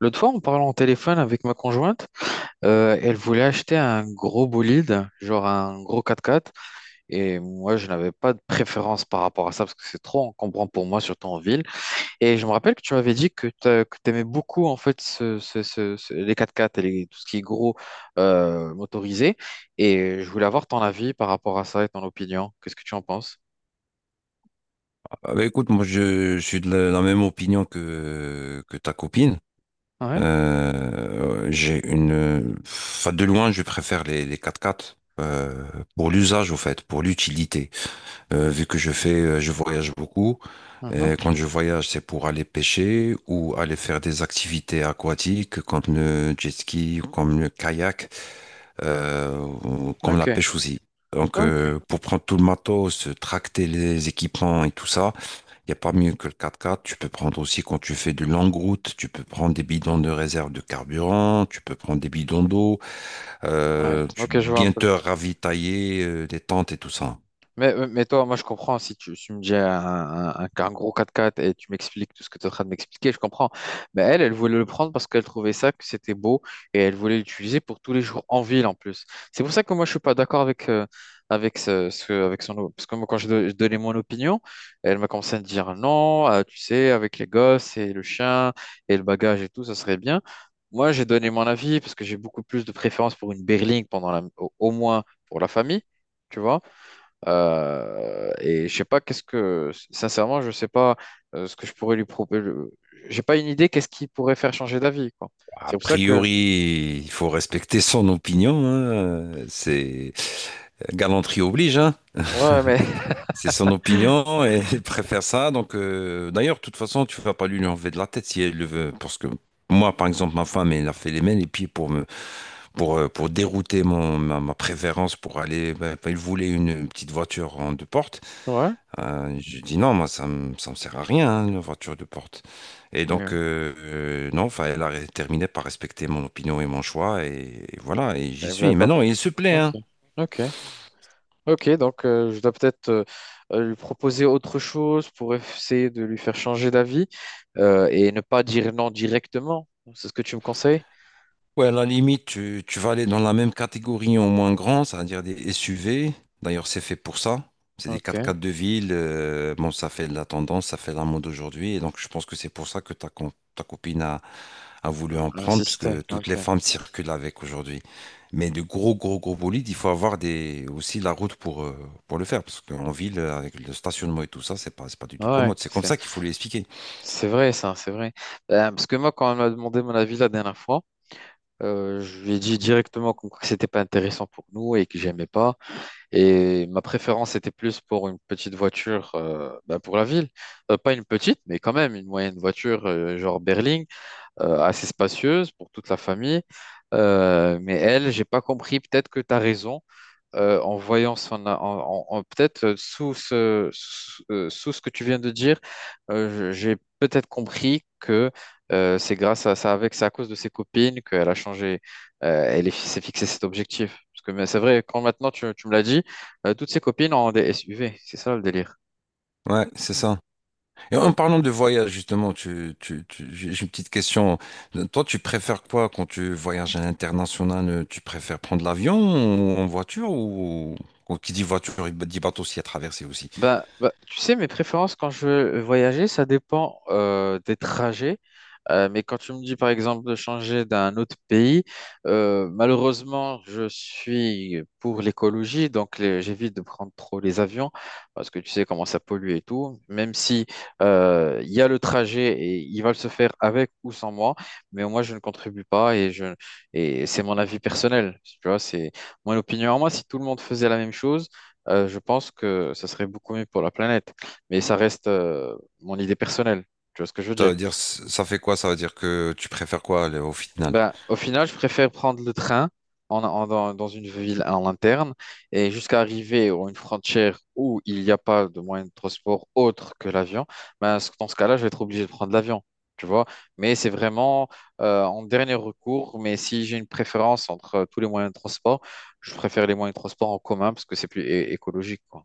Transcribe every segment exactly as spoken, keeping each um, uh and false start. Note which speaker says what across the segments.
Speaker 1: L'autre fois, en parlant au téléphone avec ma conjointe, euh, elle voulait acheter un gros bolide, genre un gros quatre-quatre. Et moi, je n'avais pas de préférence par rapport à ça parce que c'est trop encombrant pour moi, surtout en ville. Et je me rappelle que tu m'avais dit que tu aimais beaucoup en fait ce- ce- ce- ce- les quatre-quatre et les- tout ce qui est gros euh, motorisé. Et je voulais avoir ton avis par rapport à ça et ton opinion. Qu'est-ce que tu en penses?
Speaker 2: Ah bah écoute, moi je, je suis de la, la même opinion que, que ta copine.
Speaker 1: Ouais.
Speaker 2: Euh, j'ai une, enfin, de loin, je préfère les, les quatre-quatre, euh, pour l'usage au fait, pour l'utilité. Euh, vu que je fais, euh, je voyage beaucoup.
Speaker 1: Mhm.
Speaker 2: Et quand je voyage, c'est pour aller pêcher ou aller faire des activités aquatiques comme le jet ski, ou comme le kayak, euh, ou comme la
Speaker 1: Ok.
Speaker 2: pêche aussi. Donc,
Speaker 1: Ok.
Speaker 2: euh, pour prendre tout le matos, tracter les équipements et tout ça. Il n'y a pas mieux que le quatre-quatre. Tu peux prendre aussi quand tu fais de longue route, tu peux prendre des bidons de réserve de carburant, tu peux prendre des bidons d'eau,
Speaker 1: Ouais.
Speaker 2: euh, tu peux
Speaker 1: Ok, je vois un
Speaker 2: bien
Speaker 1: peu.
Speaker 2: te ravitailler, euh, des tentes et tout ça.
Speaker 1: Mais, mais toi, moi, je comprends si tu, si tu me dis un, un- un- qu'un gros quatre quatre et tu m'expliques tout ce que tu es en train de m'expliquer, je comprends. Mais elle, elle voulait le prendre parce qu'elle trouvait ça, que c'était beau et elle voulait l'utiliser pour tous les jours en ville en plus. C'est pour ça que moi, je suis pas d'accord avec, euh, avec, ce, ce- avec son. Parce que moi, quand je, don- je donnais mon opinion, elle m'a commencé à me dire non, euh, tu sais, avec les gosses et le chien et le bagage et tout, ça serait bien. Moi, j'ai donné mon avis parce que j'ai beaucoup plus de préférence pour une berline pendant la, au au moins pour la famille, tu vois. Euh, et je sais pas qu'est-ce que, sincèrement, je sais pas euh, ce que je pourrais lui proposer. J'ai pas une idée qu'est-ce qui pourrait faire changer d'avis, quoi.
Speaker 2: A
Speaker 1: C'est pour ça que,
Speaker 2: priori, il faut respecter son opinion, hein. C'est galanterie oblige, hein.
Speaker 1: ouais, mais
Speaker 2: C'est son opinion et elle préfère ça. Donc, euh, d'ailleurs, de toute façon, tu vas pas lui enlever de la tête si elle le veut, parce que moi, par exemple, ma femme, elle a fait les mains et les pieds pour me pour, euh, pour dérouter mon, ma, ma préférence pour aller. Ben, il voulait une petite voiture en deux portes.
Speaker 1: ouais,
Speaker 2: Euh, je dis non, moi, ça me, ça me sert à rien, hein, une voiture deux portes. Et donc,
Speaker 1: ouais.
Speaker 2: euh, euh, non, enfin, elle a terminé par respecter mon opinion et mon choix. Et, et voilà, et j'y
Speaker 1: Et vous l'avez
Speaker 2: suis.
Speaker 1: pas
Speaker 2: Maintenant,
Speaker 1: pris.
Speaker 2: il se plaît,
Speaker 1: Ok,
Speaker 2: hein.
Speaker 1: ok, ok. Donc euh, je dois peut-être euh, euh, lui proposer autre chose pour essayer de lui faire changer d'avis euh, et ne pas dire non directement. C'est ce que tu me conseilles?
Speaker 2: Ouais, à la limite, tu, tu vas aller dans la même catégorie en moins grand, c'est-à-dire des S U V. D'ailleurs, c'est fait pour ça. C'est des
Speaker 1: Ok,
Speaker 2: quatre-quatre de ville. Euh, bon, ça fait de la tendance, ça fait la mode aujourd'hui. Et donc, je pense que c'est pour ça que ta, com- ta copine a a voulu en prendre,
Speaker 1: insister.
Speaker 2: puisque toutes
Speaker 1: Ok,
Speaker 2: les femmes circulent avec aujourd'hui. Mais de gros, gros, gros bolides, il faut avoir des, aussi la route pour, euh, pour le faire. Parce qu'en ville, avec le stationnement et tout ça, c'est pas, c'est pas du tout
Speaker 1: ouais,
Speaker 2: commode. C'est comme
Speaker 1: c'est
Speaker 2: ça qu'il faut lui expliquer.
Speaker 1: c'est vrai ça, c'est vrai. Euh, parce que moi, quand on m'a demandé mon avis la dernière fois. Euh, je lui ai dit directement comme quoi que c'était pas intéressant pour nous et que j'aimais pas. Et ma préférence était plus pour une petite voiture euh, bah, pour la ville. Euh, pas une petite, mais quand même une moyenne voiture euh, genre berline, euh, assez spacieuse pour toute la famille. Euh, mais elle, j'ai pas compris. Peut-être que tu as raison euh, en voyant son, a- en, en- en- peut-être euh, sous ce, sous, euh, sous ce que tu viens de dire, euh, je- j'ai peut-être compris que euh, c'est grâce à ça, avec, c'est à cause de ses copines qu'elle a changé, euh, elle est- s'est fixé cet objectif. Parce que mais c'est vrai, quand maintenant tu, tu me l'as dit, euh, toutes ses copines ont des S U V, c'est ça le délire.
Speaker 2: Ouais, c'est ça. Et en parlant de voyage, justement, tu, tu, tu- j'ai j'ai une petite question. Toi, tu préfères quoi quand tu voyages à l'international? euh, Tu préfères prendre l'avion ou en voiture ou ou qui dit voiture, il dit bateau s'il y a traversé aussi.
Speaker 1: Ben, ben, tu sais, mes préférences quand je veux voyager, ça dépend euh, des trajets. Euh, mais quand tu me dis, par exemple, de changer d'un autre pays, euh, malheureusement, je suis pour l'écologie, donc les- j'évite de prendre trop les avions parce que tu sais comment ça pollue et tout. Même si euh, il y a le trajet et il va le se faire avec ou sans moi, mais moi, je ne contribue pas et je et c'est mon avis personnel. Tu vois, c'est mon opinion à moi. Si tout le monde faisait la même chose euh, je pense que ça serait beaucoup mieux pour la planète. Mais ça reste euh, mon idée personnelle. Tu vois ce que je veux
Speaker 2: Ça
Speaker 1: dire?
Speaker 2: veut dire, ça fait quoi? Ça veut dire que tu préfères quoi là, au final?
Speaker 1: Ben, au final, je préfère prendre le train en, en- dans, dans une ville en interne et jusqu'à arriver à une frontière où il n'y a pas de moyen de transport autre que l'avion. Ben, ce- dans ce cas-là, je vais être obligé de prendre l'avion. Tu vois? Mais c'est vraiment euh, en dernier recours. Mais si j'ai une préférence entre euh, tous les moyens de transport, je préfère les moyens de transport en commun parce que c'est plus é- écologique, quoi.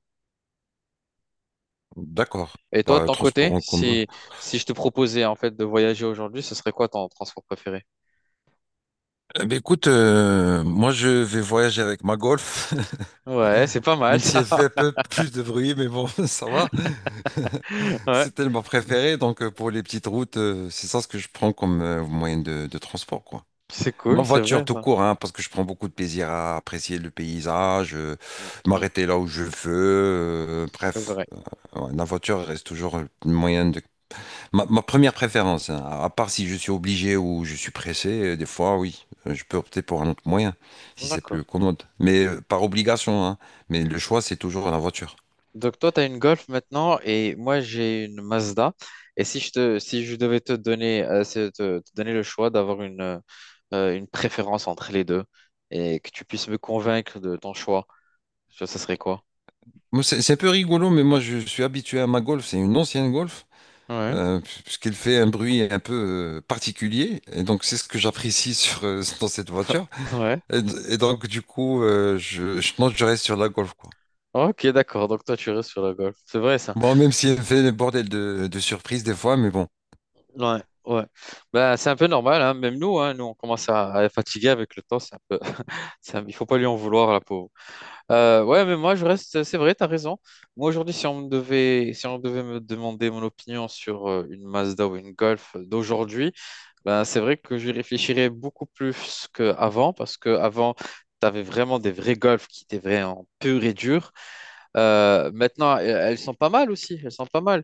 Speaker 2: D'accord.
Speaker 1: Et toi, de
Speaker 2: Bah,
Speaker 1: ton
Speaker 2: transport
Speaker 1: côté,
Speaker 2: en commun.
Speaker 1: si, si je te proposais en fait de voyager aujourd'hui, ce serait quoi ton transport préféré?
Speaker 2: Eh ben, écoute, euh, moi je vais voyager avec ma Golf.
Speaker 1: Ouais, c'est pas mal
Speaker 2: Même si elle
Speaker 1: ça.
Speaker 2: fait un peu plus de bruit, mais bon, ça va.
Speaker 1: Ouais,
Speaker 2: C'est tellement préféré. Donc, euh, pour les petites routes, euh, c'est ça ce que je prends comme euh, moyen de, de transport, quoi.
Speaker 1: c'est
Speaker 2: Moi,
Speaker 1: cool, c'est
Speaker 2: voiture
Speaker 1: vrai
Speaker 2: tout
Speaker 1: ça.
Speaker 2: court, hein, parce que je prends beaucoup de plaisir à apprécier le paysage, euh,
Speaker 1: Mm, mm,
Speaker 2: m'arrêter là où je veux. Euh,
Speaker 1: c'est
Speaker 2: bref,
Speaker 1: vrai.
Speaker 2: ouais, la voiture reste toujours le moyen de Ma, ma première préférence, hein, à part si je suis obligé ou je suis pressé, euh, des fois, oui, euh, je peux opter pour un autre moyen, si c'est
Speaker 1: D'accord.
Speaker 2: plus commode. Mais euh, par obligation, hein. Mais le choix, c'est toujours la voiture.
Speaker 1: Donc toi, tu as une Golf maintenant et moi, j'ai une Mazda. Et si je te, si je devais te donner, euh, c'est te, te donner le choix d'avoir une, euh, euh, une préférence entre les deux et que tu puisses me convaincre de ton choix, ça ça serait quoi?
Speaker 2: Moi, c'est c'est un peu rigolo, mais moi, je suis habitué à ma Golf. C'est une ancienne Golf,
Speaker 1: Ouais.
Speaker 2: euh, puisqu'elle fait un bruit un peu euh, particulier. Et donc, c'est ce que j'apprécie sur, euh, dans cette voiture.
Speaker 1: Ouais.
Speaker 2: Et, et donc, du coup, euh, je, je, non, je reste sur la Golf, quoi.
Speaker 1: Ok, d'accord. Donc toi, tu restes sur la Golf. C'est vrai ça.
Speaker 2: Bon, même si elle fait des bordels de, de surprises des fois, mais bon.
Speaker 1: Ouais, ouais. Bah, c'est un peu normal, hein. Même nous, hein, nous, on commence à, à être fatigué avec le temps. C'est un peu, c'est un- il faut pas lui en vouloir, la pauvre. Euh, ouais, mais moi, je reste. C'est vrai, t'as raison. Moi, aujourd'hui, si on me devait, si on devait me demander mon opinion sur euh, une Mazda ou une Golf d'aujourd'hui, ben, c'est vrai que je réfléchirais beaucoup plus qu'avant, parce qu'avant, tu avais vraiment des vrais Golf qui étaient vraiment purs et durs. Euh, maintenant, elles elles sont pas mal aussi. Elles sont pas mal.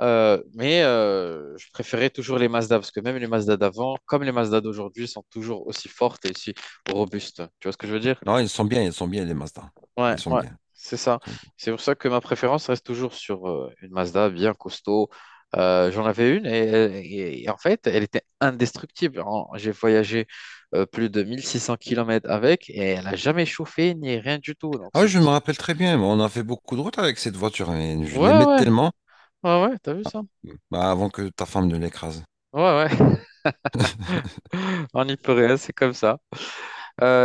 Speaker 1: Euh, mais euh, je préférais toujours les Mazda parce que même les Mazda d'avant, comme les Mazda d'aujourd'hui, sont toujours aussi fortes et aussi robustes. Tu vois ce que je veux dire?
Speaker 2: Non, ils sont bien, ils sont bien, les Mazda.
Speaker 1: Ouais,
Speaker 2: Ils sont
Speaker 1: ouais,
Speaker 2: bien,
Speaker 1: c'est ça.
Speaker 2: ils sont bien.
Speaker 1: C'est pour ça que ma préférence reste toujours sur euh, une Mazda bien costaud. Euh, j'en avais une et, et- et en fait, elle était indestructible. En- J'ai voyagé euh, plus de mille six cents kilomètres avec et elle n'a jamais chauffé ni rien du tout. Donc
Speaker 2: Ah
Speaker 1: c'est
Speaker 2: oui, je
Speaker 1: pour
Speaker 2: me
Speaker 1: ça.
Speaker 2: rappelle très bien. On a fait beaucoup de routes avec cette voiture. Mais je
Speaker 1: Ouais,
Speaker 2: l'aimais
Speaker 1: ouais,
Speaker 2: tellement
Speaker 1: ouais, ouais, t'as vu ça?
Speaker 2: bah, avant que ta femme ne l'écrase.
Speaker 1: Ouais, ouais, on n'y peut rien, c'est comme ça.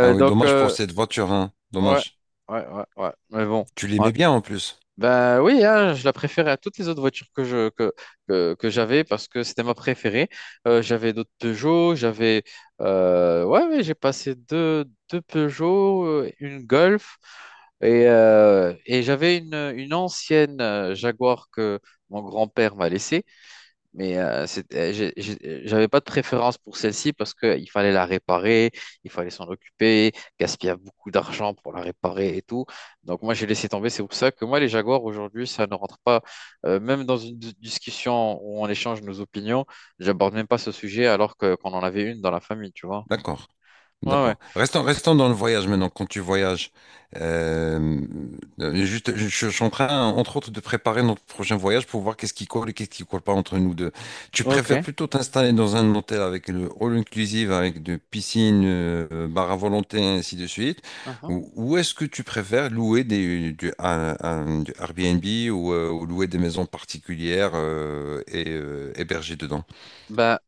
Speaker 2: Ah oui,
Speaker 1: donc,
Speaker 2: dommage pour
Speaker 1: euh,
Speaker 2: cette voiture, hein.
Speaker 1: Ouais,
Speaker 2: Dommage.
Speaker 1: ouais, ouais, ouais. Mais bon.
Speaker 2: Tu
Speaker 1: Ouais.
Speaker 2: l'aimais bien en plus.
Speaker 1: Ben oui, hein, je la préférais à toutes les autres voitures que je que, que, que j'avais parce que c'était ma préférée. Euh, j'avais d'autres Peugeot, j'avais euh, ouais, ouais, j'ai passé deux, deux Peugeot, euh, une Golf et, euh, et j'avais une, une ancienne euh, Jaguar que mon grand-père m'a laissée. Mais euh, c'est- euh, j'ai- j'ai- j'avais pas de préférence pour celle-ci parce qu'il fallait la réparer, il fallait s'en occuper, gaspiller beaucoup d'argent pour la réparer et tout. Donc moi, j'ai laissé tomber. C'est pour ça que moi, les Jaguars, aujourd'hui, ça ne rentre pas. Euh, même dans une dis- discussion où on échange nos opinions, j'aborde même pas ce sujet alors que qu'on en avait une dans la famille, tu vois.
Speaker 2: D'accord.
Speaker 1: Ouais, ouais.
Speaker 2: D'accord. Restons, restons dans le voyage maintenant. Quand tu voyages, euh, euh, juste, je, je suis en train, entre autres, de préparer notre prochain voyage pour voir qu'est-ce qui colle et qu'est-ce qui colle pas entre nous deux. Tu préfères
Speaker 1: Ok.
Speaker 2: plutôt t'installer dans un hôtel avec le all inclusive, avec de piscine, euh, bar à volonté, ainsi de suite,
Speaker 1: Mhm.
Speaker 2: ou, ou est-ce que tu préfères louer des, du, un- un- du Airbnb ou, euh, ou louer des maisons particulières euh, et euh, héberger dedans?
Speaker 1: Bah,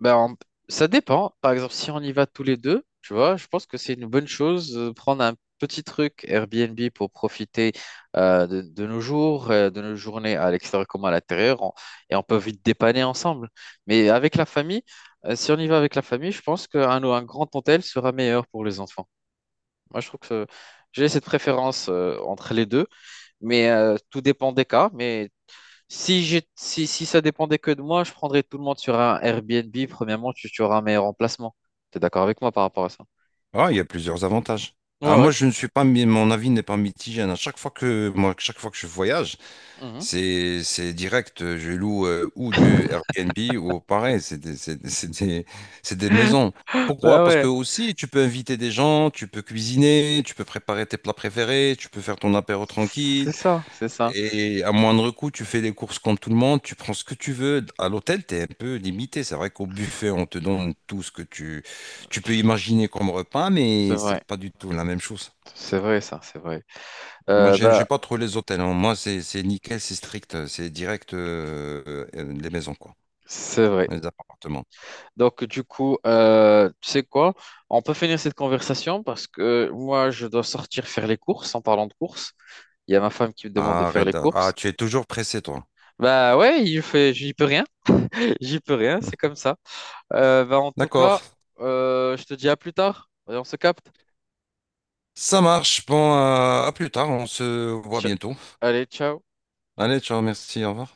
Speaker 1: Ben, en- ça dépend. Par exemple, si on y va tous les deux, tu vois, je pense que c'est une bonne chose de prendre un petit truc Airbnb pour profiter euh, de, de nos jours, euh, de nos journées à l'extérieur comme à l'intérieur, on- et on peut vite dépanner ensemble. Mais avec la famille, euh, si on y va avec la famille, je pense qu'un un grand hôtel sera meilleur pour les enfants. Moi, je trouve que j'ai cette préférence euh, entre les deux, mais euh, tout dépend des cas. Mais si, j'ai- si, si ça dépendait que de moi, je prendrais tout le monde sur un Airbnb. Premièrement, tu, tu auras un meilleur emplacement. T'es d'accord avec moi par rapport à ça?
Speaker 2: Ah, il y a plusieurs avantages. Ah,
Speaker 1: Ouais, ouais.
Speaker 2: moi, je ne suis pas, mi- mon avis n'est pas mitigé, hein. À chaque fois que, moi, chaque fois que je voyage,
Speaker 1: Mhm.
Speaker 2: c'est, c'est direct. euh, Je loue euh, ou du Airbnb ou pareil. C'est des, c'est- c'est des- c'est des maisons. Pourquoi?
Speaker 1: Bah
Speaker 2: Parce
Speaker 1: ouais.
Speaker 2: que aussi, tu peux inviter des gens, tu peux cuisiner, tu peux préparer tes plats préférés, tu peux faire ton apéro tranquille,
Speaker 1: C'est ça, c'est ça.
Speaker 2: et à moindre coût, tu fais des courses comme tout le monde, tu prends ce que tu veux. À l'hôtel, tu es un peu limité. C'est vrai qu'au buffet, on te donne tout ce que tu, tu peux imaginer comme repas,
Speaker 1: C'est
Speaker 2: mais
Speaker 1: vrai.
Speaker 2: c'est pas du tout la même chose.
Speaker 1: C'est vrai, ça, c'est vrai.
Speaker 2: Moi,
Speaker 1: Euh,
Speaker 2: j'aime,
Speaker 1: bah,
Speaker 2: j'aime pas trop les hôtels, hein. Moi, c'est c'est nickel, c'est strict, c'est direct euh, euh, les maisons, quoi,
Speaker 1: c'est vrai.
Speaker 2: les appartements.
Speaker 1: Donc, du coup, euh, tu sais quoi? On peut finir cette conversation parce que moi, je dois sortir faire les courses. En parlant de courses, il y a ma femme qui me demande de faire
Speaker 2: Arrête.
Speaker 1: les
Speaker 2: d'a- Ah,
Speaker 1: courses.
Speaker 2: tu es toujours pressé, toi.
Speaker 1: Bah ouais, il fait, j'y peux rien. J'y peux rien, c'est comme ça. Euh, bah, en tout cas,
Speaker 2: D'accord.
Speaker 1: euh, je te dis à plus tard. Et on se capte.
Speaker 2: Ça marche. Bon, euh, à plus tard. On se voit
Speaker 1: Tch-
Speaker 2: bientôt.
Speaker 1: Allez, ciao.
Speaker 2: Allez, ciao, merci, au revoir.